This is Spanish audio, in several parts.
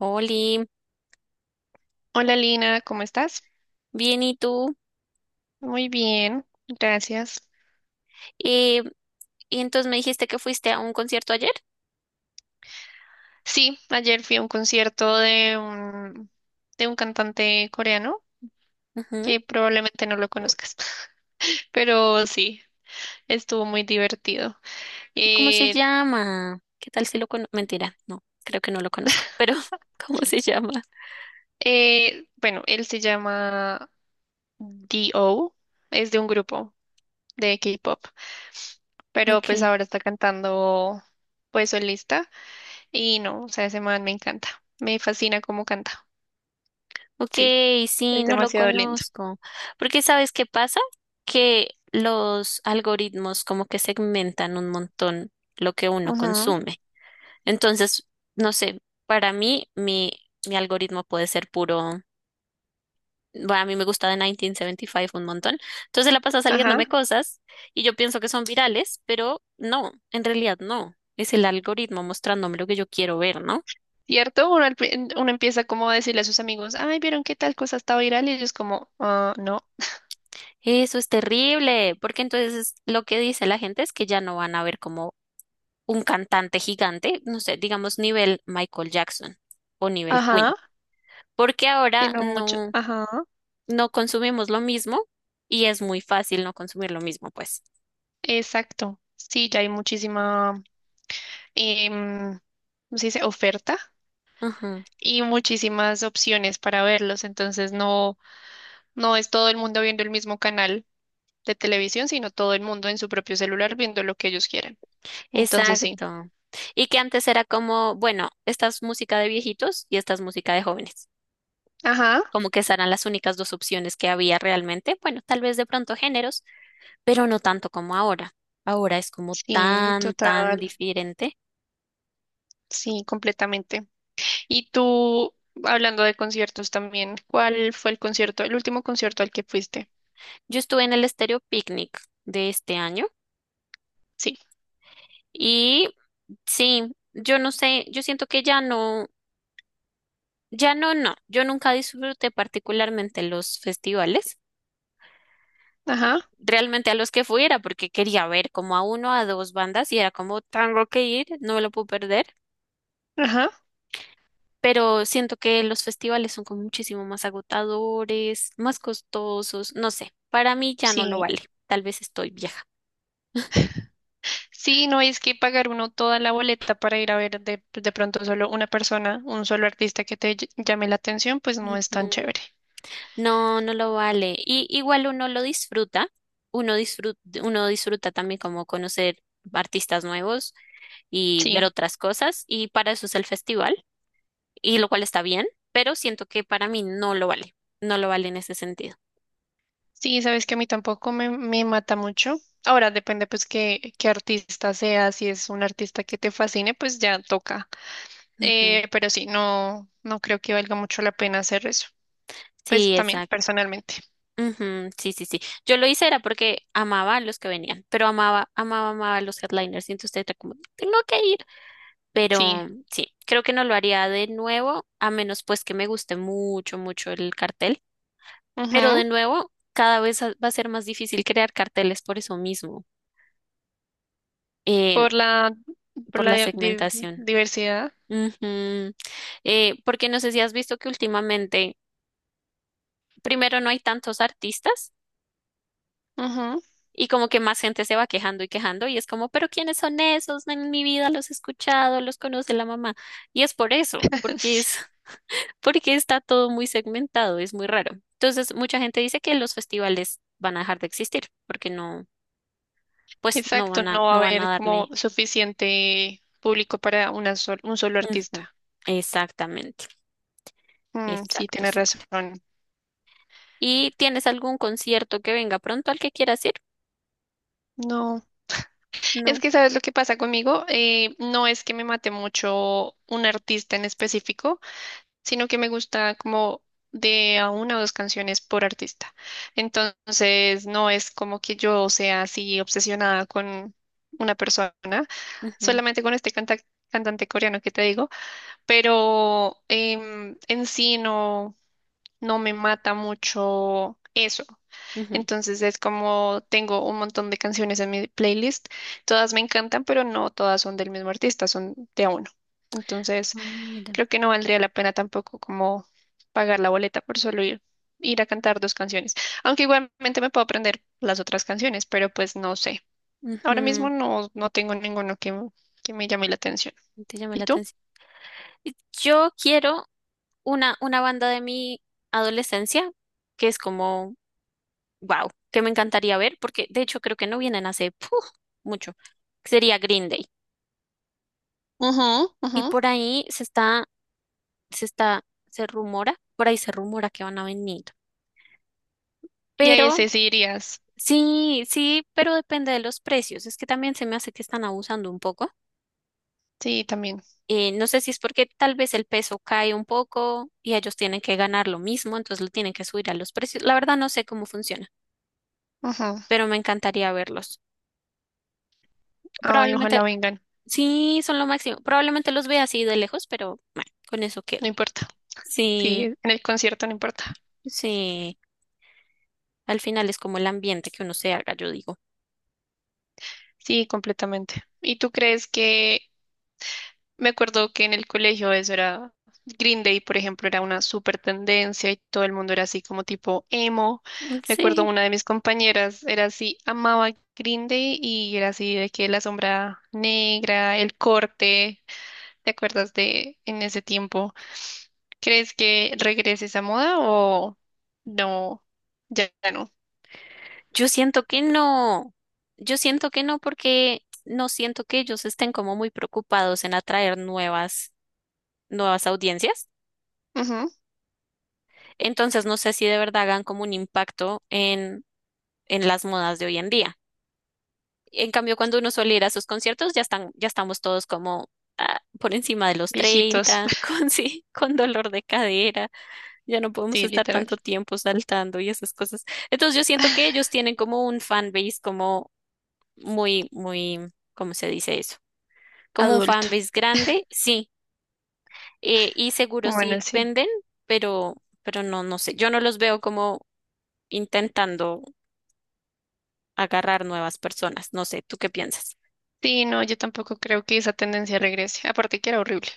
Oli, Hola Lina, ¿cómo estás? bien, ¿y tú? Muy bien, gracias. Eh, y entonces me dijiste que fuiste a un concierto ayer. Sí, ayer fui a un concierto de un cantante coreano Ujú. que probablemente no lo conozcas, pero sí, estuvo muy divertido. ¿Y cómo se Eh, llama? ¿Qué tal si lo conozco? Mentira, no, creo que no lo conozco, pero ¿cómo se llama? bueno, él se llama D.O., es de un grupo de K-pop, pero pues Ok, ahora está cantando pues solista y no, o sea, ese man me encanta, me fascina cómo canta, ok, sí, sí, es no lo demasiado lindo. conozco. Porque ¿sabes qué pasa? Que los algoritmos como que segmentan un montón lo que uno Ajá. consume. Entonces, no sé, para mí mi, mi algoritmo puede ser puro. Bueno, a mí me gusta de 1975 un montón. Entonces la pasa saliéndome Ajá. cosas y yo pienso que son virales, pero no, en realidad no. Es el algoritmo mostrándome lo que yo quiero ver, ¿no? ¿Cierto? Uno, uno empieza como a decirle a sus amigos, ay, ¿vieron qué tal cosa está viral? Y ellos como, ah, no. Eso es terrible, porque entonces lo que dice la gente es que ya no van a ver como un cantante gigante, no sé, digamos nivel Michael Jackson o nivel Ajá. Queen, porque ahora Sino mucho. no, Ajá. no consumimos lo mismo y es muy fácil no consumir lo mismo, pues. Exacto. Sí, ya hay muchísima, em, ¿cómo se dice? Oferta Ujú. y muchísimas opciones para verlos. Entonces no, no es todo el mundo viendo el mismo canal de televisión, sino todo el mundo en su propio celular viendo lo que ellos quieren. Entonces sí. Exacto. Y que antes era como, bueno, esta es música de viejitos y esta es música de jóvenes. Ajá. Como que esas eran las únicas dos opciones que había realmente. Bueno, tal vez de pronto géneros, pero no tanto como ahora. Ahora es como Sí, tan, tan total. diferente. Sí, completamente. Y tú, hablando de conciertos también, ¿cuál fue el concierto, el último concierto al que fuiste? Yo estuve en el Estéreo Picnic de este año Sí. y sí, yo no sé, yo siento que ya no. Yo nunca disfruté particularmente los festivales Ajá, realmente a los que fui era porque quería ver como a uno, a dos bandas y era como tengo que ir, no me lo puedo perder. ajá. Pero siento que los festivales son como muchísimo más agotadores, más costosos, no sé, para mí ya no lo Sí. vale. Tal vez estoy vieja. Ujú. Sí, no es que pagar uno toda la boleta para ir a ver de pronto solo una persona, un solo artista que llame la atención, pues no es tan chévere. No, no lo vale. Y igual uno lo disfruta, uno disfruta también como conocer artistas nuevos y ver Sí. otras cosas, y para eso es el festival. Y lo cual está bien, pero siento que para mí no lo vale, no lo vale en ese sentido. Sí, sabes que a mí tampoco me mata mucho. Ahora depende pues qué artista sea, si es un artista que te fascine, pues ya toca. Ujú. Pero sí, no, no creo que valga mucho la pena hacer eso. Pues Sí, también, exacto. personalmente. Ujú, sí, sí, sí. Yo lo hice era porque amaba a los que venían, pero amaba a los headliners y entonces era como, tengo que ir. Sí. Pero sí, creo que no lo haría de nuevo, a menos pues que me guste mucho, mucho el cartel. Pero de Ujú. nuevo, cada vez va a ser más difícil crear carteles por eso mismo, eh, Por la, por por la la segmentación. diversidad. Ujú. Porque no sé si has visto que últimamente primero no hay tantos artistas Ujú. y como que más gente se va quejando y quejando y es como, pero ¿quiénes son esos? No, en mi vida los he escuchado, los conoce la mamá. Y es por eso, porque Sí. es, porque está todo muy segmentado, es muy raro. Entonces, mucha gente dice que los festivales van a dejar de existir porque no, pues Exacto, no va a no van a haber como darle. suficiente público para un solo artista. Ujú. Exactamente, Mm, sí, exacto, tienes exacto. razón. ¿Y tienes algún concierto que venga pronto al que quieras ir? No. Es No. que, ¿sabes lo que pasa conmigo? No es que me mate mucho un artista en específico, sino que me gusta como de a una o dos canciones por artista. Entonces, no es como que yo sea así obsesionada con una persona, Ujú, solamente con este cantante coreano que te digo, pero en sí no, no me mata mucho eso. ujú. Entonces es como tengo un montón de canciones en mi playlist, todas me encantan, pero no todas son del mismo artista, son de a uno. Entonces, Ah, mira. creo que no valdría la pena tampoco como pagar la boleta por solo ir a cantar dos canciones. Aunque igualmente me puedo aprender las otras canciones, pero pues no sé. Ahora mismo Ujú, no, no tengo ninguno que me llame la atención. no te llama ¿Y la tú? atención. Yo quiero una banda de mi adolescencia, que es como, wow, que me encantaría ver, porque de hecho creo que no vienen hace puf, mucho. Sería Green Day. Ajá, Y ajá. por ahí se está, se rumora, por ahí se rumora que van a venir. Y ahí Pero ese sí irías. sí, sí, pero depende de los precios. Es que también se me hace que están abusando un poco. Sí, también. No sé si es porque tal vez el peso cae un poco y ellos tienen que ganar lo mismo, entonces lo tienen que subir a los precios. La verdad no sé cómo funciona. Ajá. Pero me encantaría verlos. Ay, Probablemente, ojalá vengan. sí, son lo máximo. Probablemente los vea así de lejos, pero bueno, con eso No quedo. importa. Sí, Sí, en el concierto no importa. sí. Al final es como el ambiente que uno se haga, yo digo. Sí, completamente. ¿Y tú crees que? Me acuerdo que en el colegio eso era Green Day, por ejemplo, era una súper tendencia y todo el mundo era así como tipo emo. Me acuerdo Sí, una de mis compañeras era así, amaba Green Day y era así de que la sombra negra, el corte. ¿Te acuerdas de en ese tiempo? ¿Crees que regrese esa moda o no? Ya, ya no. yo siento que no. Yo siento que no porque no siento que ellos estén como muy preocupados en atraer nuevas audiencias. Ujú. Entonces no sé si de verdad hagan como un impacto en las modas de hoy en día. En cambio, cuando uno suele ir a sus conciertos, ya estamos todos como ah, por encima de los Viejitos. 30 con sí, con dolor de cadera, ya no podemos Sí, estar literal. tanto tiempo saltando y esas cosas. Entonces yo siento que ellos tienen como un fan base como muy, muy, ¿cómo se dice eso? Como un Adulto. fan base grande, sí, y seguro Bueno, sí sí. venden, pero, pero no, no sé, yo no los veo como intentando agarrar nuevas personas, no sé, ¿tú qué piensas? Sí, no, yo tampoco creo que esa tendencia regrese. Aparte que era horrible.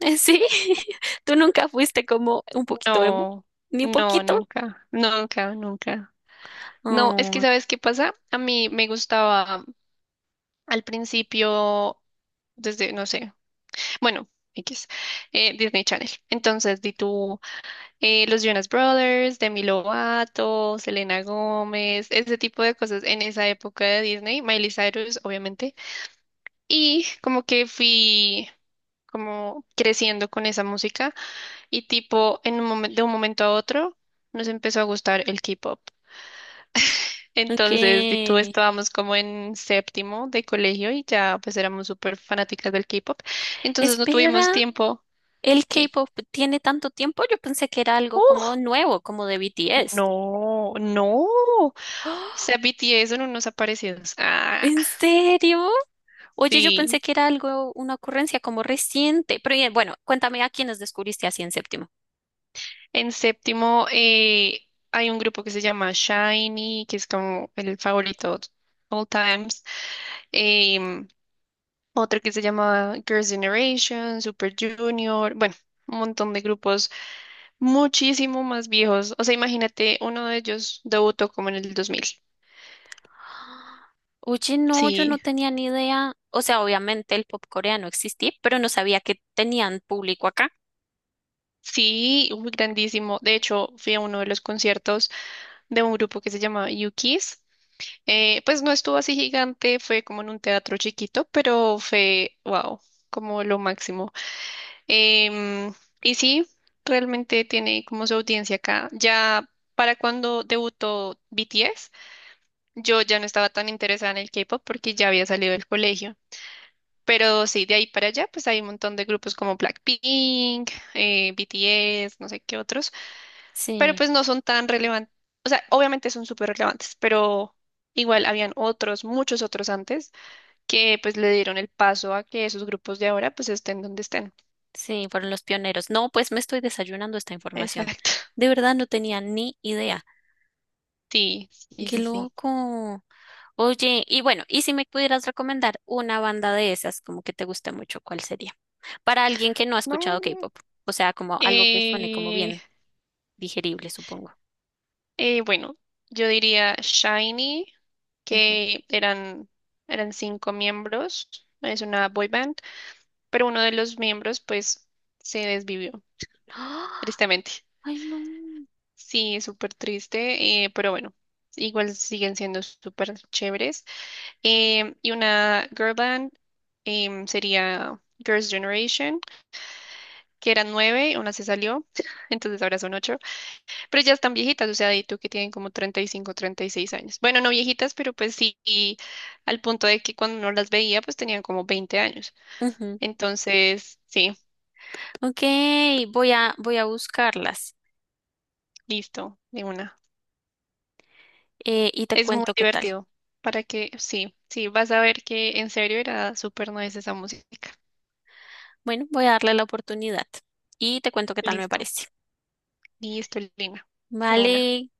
Sí, tú nunca fuiste como un poquito emo, No, ni no, poquito. nunca, nunca, nunca. No, es que, Oh, ¿sabes qué pasa? A mí me gustaba al principio, desde, no sé, bueno, X, Disney Channel. Entonces, di tú, los Jonas Brothers, Demi Lovato, Selena Gómez, ese tipo de cosas en esa época de Disney, Miley Cyrus, obviamente. Y como que fui como creciendo con esa música y tipo en un de un momento a otro nos empezó a gustar el K-pop. ok. Entonces, y tú estábamos como en séptimo de colegio y ya pues éramos súper fanáticas del K-pop. Entonces no tuvimos Espera, tiempo. el ¿Qué? K-pop tiene tanto tiempo. Yo pensé que era algo como ¡Uh! nuevo, como de BTS. No, no. O ¡Ah! sea, B T BTS son unos aparecidos. Ah, ¿En serio? Oye, yo pensé sí. que era algo, una ocurrencia como reciente. Pero bien, bueno, cuéntame a quiénes descubriste así en séptimo. En séptimo hay un grupo que se llama SHINee, que es como el favorito all times. Em, Otro que se llama Girls' Generation, Super Junior, bueno, un montón de grupos muchísimo más viejos. O sea, imagínate, uno de ellos debutó como en el 2000. Oye, no, yo no Sí, tenía ni idea. O sea, obviamente el pop coreano existía, pero no sabía que tenían público acá. sí, uy, grandísimo. De hecho, fui a uno de los conciertos de un grupo que se llama u pues no estuvo así gigante, fue como en un teatro chiquito, pero fue, wow, como lo máximo. Em, y sí, realmente tiene como su audiencia acá. Ya para cuando debutó BTS, yo ya no estaba tan interesada en el K-pop porque ya había salido del colegio. Pero sí, de ahí para allá, pues hay un montón de grupos como Blackpink, BTS, no sé qué otros, pero Sí, pues no son tan relevantes. O sea, obviamente son súper relevantes, pero igual habían otros, muchos otros antes, que pues le dieron el paso a que esos grupos de ahora pues estén donde estén. sí, fueron los pioneros. No, pues me estoy desayunando esta información. Exacto. De verdad no tenía ni idea. Sí, sí, Qué sí, sí. loco. Oye, y bueno, y si me pudieras recomendar una banda de esas, como que te guste mucho, ¿cuál sería? Para alguien que no ha escuchado No. K-pop, o sea, como algo que suene como Eh, bien. Digerible, supongo. bueno, yo diría Shiny, Ujú. que eran cinco miembros, es una boy band, pero uno de los miembros pues se desvivió, ¡Ah! tristemente. Ay, no. Sí, es súper triste, pero bueno, igual siguen siendo súper chéveres. Y una girl band sería Girls' Generation, que eran nueve, una se salió, entonces ahora son ocho. Pero ya están viejitas, o sea, de tú que tienen como 35, 36 años. Bueno, no viejitas, pero pues sí, y al punto de que cuando uno las veía, pues tenían como 20 años. Ujú. Entonces, sí, Ok, voy a buscarlas listo, de una. Y te Es muy cuento qué tal. divertido. Para que, sí, sí, vas a ver que en serio era súper nice esa música. Bueno, voy a darle la oportunidad y te cuento qué tal me Listo, parece. listo, Lina, de una. Vale,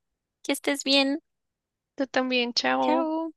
que estés bien. Tú también, chao. Chao.